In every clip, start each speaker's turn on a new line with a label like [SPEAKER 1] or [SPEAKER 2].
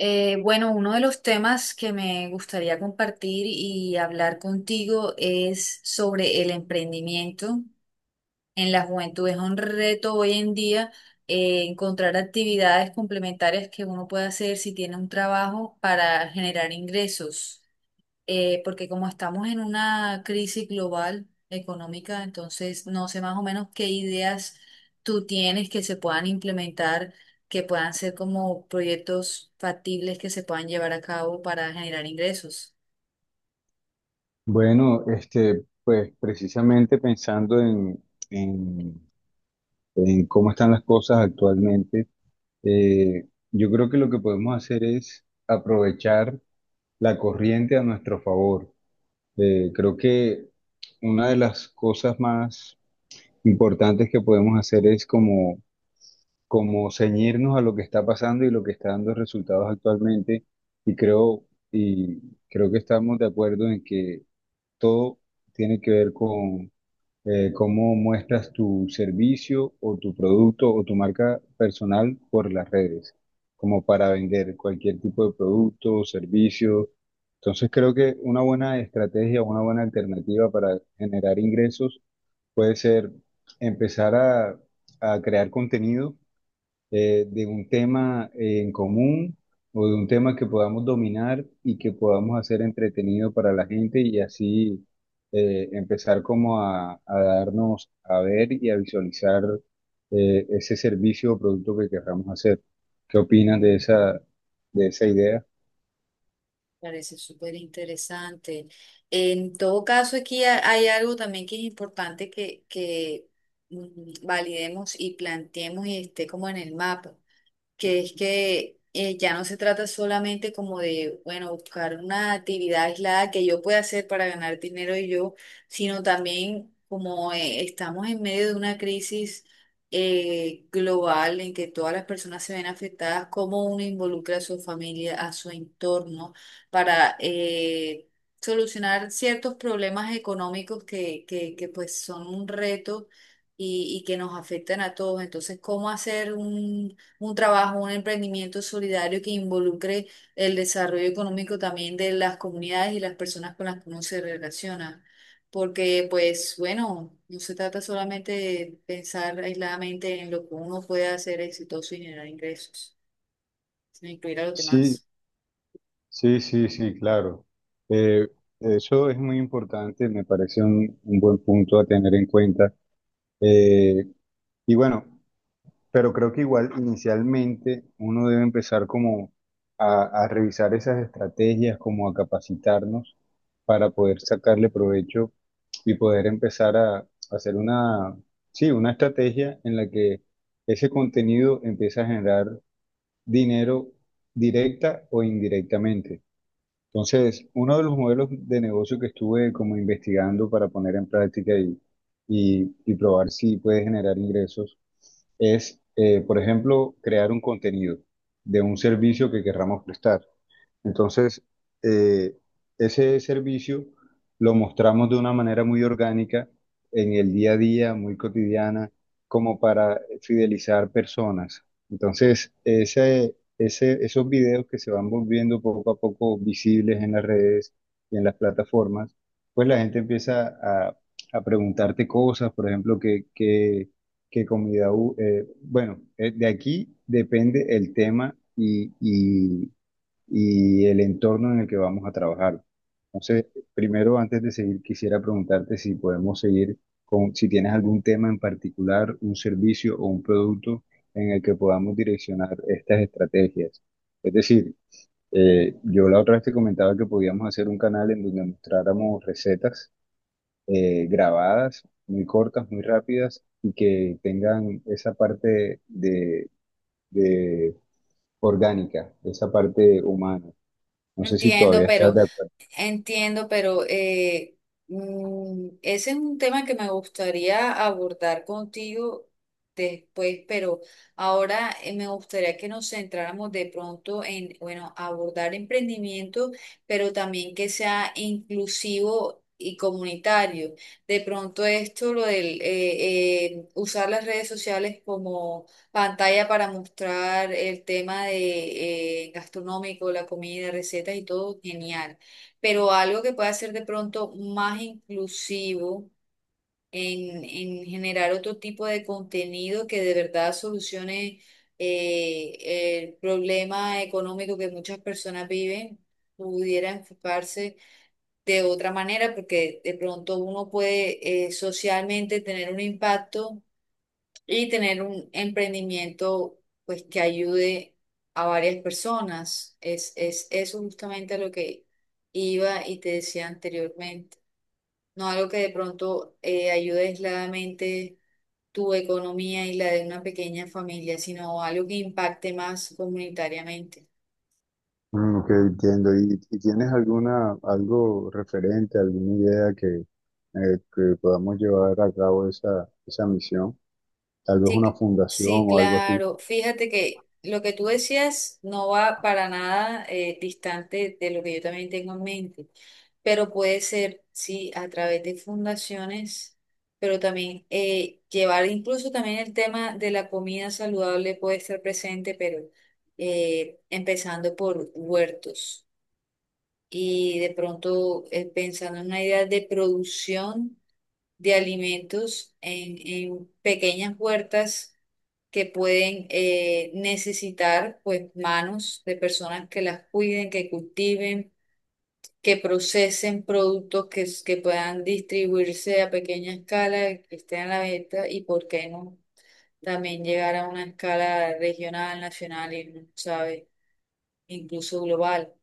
[SPEAKER 1] Bueno, Uno de los temas que me gustaría compartir y hablar contigo es sobre el emprendimiento en la juventud. Es un reto hoy en día encontrar actividades complementarias que uno pueda hacer si tiene un trabajo para generar ingresos, porque como estamos en una crisis global económica, entonces no sé más o menos qué ideas tú tienes que se puedan implementar, que puedan ser como proyectos factibles que se puedan llevar a cabo para generar ingresos.
[SPEAKER 2] Bueno, este, pues precisamente pensando en- en cómo están las cosas actualmente, yo creo que lo que podemos hacer es aprovechar la corriente a nuestro favor. Creo que una de las cosas más importantes que podemos hacer es como ceñirnos a lo que está pasando y lo que está dando resultados actualmente. Y creo, y Creo que estamos de acuerdo en que todo tiene que ver cómo muestras tu servicio o tu producto o tu marca personal por las redes, como para vender cualquier tipo de producto o servicio. Entonces creo que una buena estrategia, una buena alternativa para generar ingresos puede ser empezar a crear contenido de un tema en común o de un tema que podamos dominar y que podamos hacer entretenido para la gente y así empezar como a darnos a ver y a visualizar ese servicio o producto que querramos hacer. ¿Qué opinas de esa idea?
[SPEAKER 1] Parece súper interesante. En todo caso, aquí hay algo también que es importante que validemos y planteemos y esté como en el mapa, que es que ya no se trata solamente como de, bueno, buscar una actividad aislada que yo pueda hacer para ganar dinero y yo, sino también como, estamos en medio de una crisis global en que todas las personas se ven afectadas, cómo uno involucra a su familia, a su entorno, para solucionar ciertos problemas económicos que pues son un reto y que nos afectan a todos. Entonces, ¿cómo hacer un trabajo, un emprendimiento solidario que involucre el desarrollo económico también de las comunidades y las personas con las que uno se relaciona? Porque, pues, bueno, no se trata solamente de pensar aisladamente en lo que uno puede hacer exitoso y generar ingresos, sino incluir a los
[SPEAKER 2] Sí,
[SPEAKER 1] demás.
[SPEAKER 2] sí, sí, sí, claro. Eh, Eso es muy importante, me parece un buen punto a tener en cuenta. Eh, y bueno. Pero creo que igual inicialmente uno debe empezar como a revisar esas estrategias, como a capacitarnos para poder sacarle provecho y poder empezar a hacer sí, una estrategia en la que ese contenido empieza a generar dinero directa o indirectamente. Entonces, uno de los modelos de negocio que estuve como investigando para poner en práctica y probar si puede generar ingresos es, por ejemplo, crear un contenido de un servicio que querramos prestar. Entonces, eh, ese servicio lo mostramos de una manera muy orgánica en el día a día, muy cotidiana, como para fidelizar personas. Entonces, esos videos que se van volviendo poco a poco visibles en las redes y en las plataformas, pues la gente empieza a preguntarte cosas, por ejemplo, que comida, de aquí depende el tema y el entorno en el que vamos a trabajar. Entonces, primero, antes de seguir, quisiera preguntarte si podemos seguir con, si tienes algún tema en particular, un servicio o un producto en el que podamos direccionar estas estrategias. Es decir, yo la otra vez te comentaba que podíamos hacer un canal en donde mostráramos recetas grabadas, muy cortas, muy rápidas, y que tengan esa parte de orgánica, esa parte humana. No sé si
[SPEAKER 1] Entiendo,
[SPEAKER 2] todavía estás
[SPEAKER 1] pero
[SPEAKER 2] de acuerdo.
[SPEAKER 1] Entiendo, pero ese es un tema que me gustaría abordar contigo después, pero ahora, me gustaría que nos centráramos de pronto en, bueno, abordar emprendimiento, pero también que sea inclusivo y comunitario. De pronto esto, lo del usar las redes sociales como pantalla para mostrar el tema de, gastronómico, la comida, recetas y todo, genial, pero algo que pueda ser de pronto más inclusivo, en generar otro tipo de contenido que de verdad solucione eh, el problema económico que muchas personas viven, pudiera enfocarse de otra manera, porque de pronto uno puede, socialmente, tener un impacto y tener un emprendimiento pues que ayude a varias personas. Es eso justamente a lo que iba y te decía anteriormente. No algo que de pronto ayude aisladamente tu economía y la de una pequeña familia, sino algo que impacte más comunitariamente.
[SPEAKER 2] Mm, ok, entiendo. ¿Y tienes alguna, algo referente, alguna idea que podamos llevar a cabo esa, esa misión? Tal vez
[SPEAKER 1] Sí,
[SPEAKER 2] una
[SPEAKER 1] cl-
[SPEAKER 2] fundación
[SPEAKER 1] sí,
[SPEAKER 2] o algo así.
[SPEAKER 1] claro. Fíjate que lo que tú decías no va para nada distante de lo que yo también tengo en mente, pero puede ser, sí, a través de fundaciones, pero también, llevar incluso también el tema de la comida saludable puede estar presente, pero empezando por huertos y de pronto, pensando en una idea de producción de alimentos en pequeñas huertas que pueden, necesitar pues manos de personas que las cuiden, que cultiven, que procesen productos que puedan distribuirse a pequeña escala, que estén a la venta, y por qué no también llegar a una escala regional, nacional y, uno sabe, incluso global,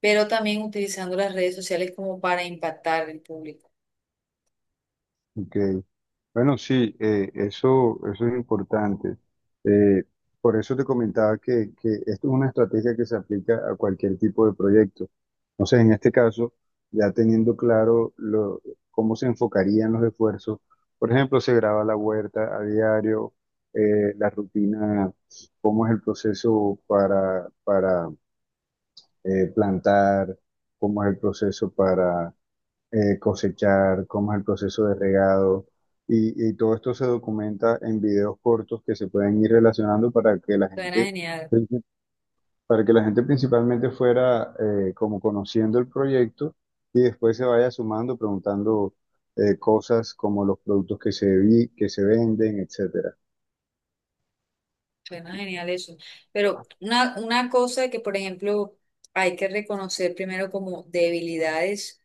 [SPEAKER 1] pero también utilizando las redes sociales como para impactar al público.
[SPEAKER 2] Ok. Bueno, sí, eso, eso es importante. Eh, por eso te comentaba que esto es una estrategia que se aplica a cualquier tipo de proyecto. Entonces en este caso, ya teniendo claro cómo se enfocarían los esfuerzos, por ejemplo, se graba la huerta a diario, la rutina, cómo es el proceso para plantar, cómo es el proceso cosechar, cómo es el proceso de regado. Y todo esto se documenta en videos cortos que se pueden ir relacionando para que la
[SPEAKER 1] Suena
[SPEAKER 2] gente,
[SPEAKER 1] genial.
[SPEAKER 2] para que la gente principalmente fuera como conociendo el proyecto y después se vaya sumando, preguntando cosas como los productos que se, que se venden, etc.
[SPEAKER 1] Suena genial eso. Pero una cosa que, por ejemplo, hay que reconocer primero como debilidades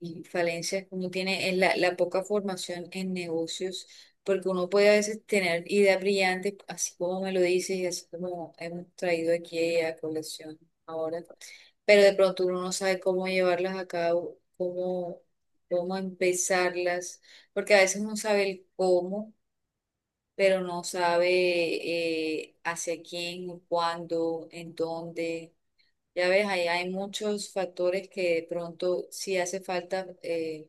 [SPEAKER 1] y falencias que uno tiene es la poca formación en negocios, porque uno puede a veces tener ideas brillantes, así como me lo dices y así como hemos traído aquí a colección ahora, pero de pronto uno no sabe cómo llevarlas a cabo, cómo, cómo empezarlas, porque a veces uno sabe el cómo pero no sabe hacia quién, cuándo, en dónde. Ya ves, ahí hay muchos factores que de pronto sí hace falta,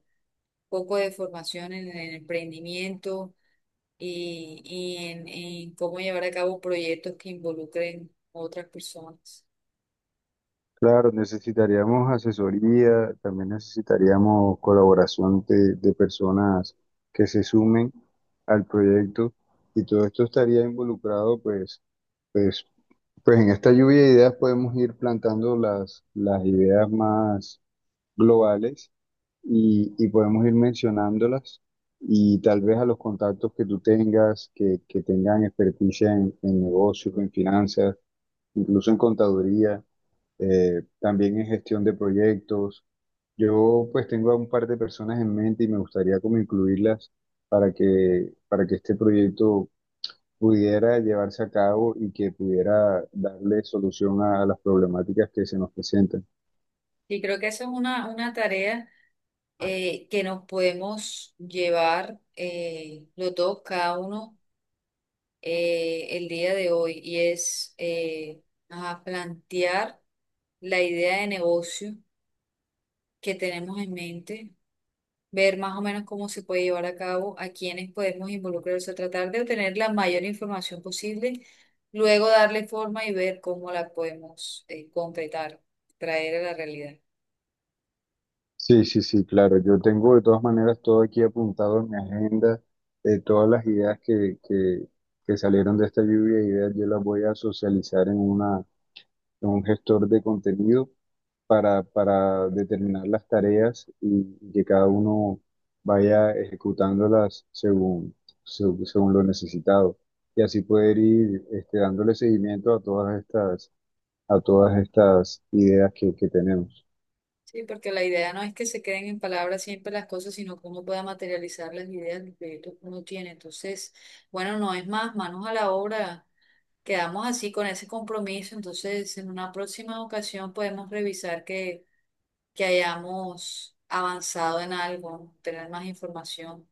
[SPEAKER 1] poco de formación en el emprendimiento y en cómo llevar a cabo proyectos que involucren otras personas.
[SPEAKER 2] Claro, necesitaríamos asesoría, también necesitaríamos colaboración de personas que se sumen al proyecto y todo esto estaría involucrado, pues, pues en esta lluvia de ideas podemos ir plantando las ideas más globales y podemos ir mencionándolas y tal vez a los contactos que tú tengas, que tengan experticia en negocios, en finanzas, incluso en contaduría también en gestión de proyectos. Yo pues tengo a un par de personas en mente y me gustaría como incluirlas para que este proyecto pudiera llevarse a cabo y que pudiera darle solución a las problemáticas que se nos presentan.
[SPEAKER 1] Y creo que esa es una tarea que nos podemos llevar, los dos, cada uno, el día de hoy, y es, ajá, plantear la idea de negocio que tenemos en mente, ver más o menos cómo se puede llevar a cabo, a quiénes podemos involucrarse, tratar de obtener la mayor información posible, luego darle forma y ver cómo la podemos, concretar, traer a la realidad.
[SPEAKER 2] Sí, sí, sí, claro. Yo tengo de todas maneras todo aquí apuntado en mi agenda, todas las ideas que salieron de esta lluvia de ideas, yo las voy a socializar en una un gestor de contenido para determinar las tareas y que cada uno vaya ejecutándolas según lo necesitado. Y así poder ir este, dándole seguimiento a todas estas ideas que tenemos.
[SPEAKER 1] Sí, porque la idea no es que se queden en palabras siempre las cosas, sino cómo pueda materializar las ideas, los proyectos que uno tiene. Entonces, bueno, no es más, manos a la obra. Quedamos así con ese compromiso, entonces en una próxima ocasión podemos revisar que hayamos avanzado en algo, tener más información.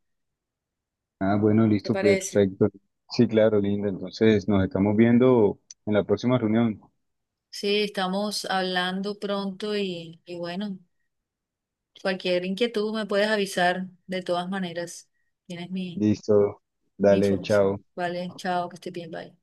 [SPEAKER 2] Ah, bueno,
[SPEAKER 1] ¿Te
[SPEAKER 2] listo,
[SPEAKER 1] parece?
[SPEAKER 2] perfecto. Sí, claro, Linda. Entonces nos estamos viendo en la próxima reunión.
[SPEAKER 1] Sí, estamos hablando pronto y bueno, cualquier inquietud me puedes avisar de todas maneras. Tienes mi,
[SPEAKER 2] Listo.
[SPEAKER 1] mi
[SPEAKER 2] Dale,
[SPEAKER 1] información.
[SPEAKER 2] chao.
[SPEAKER 1] Vale, chao, que esté bien, bye.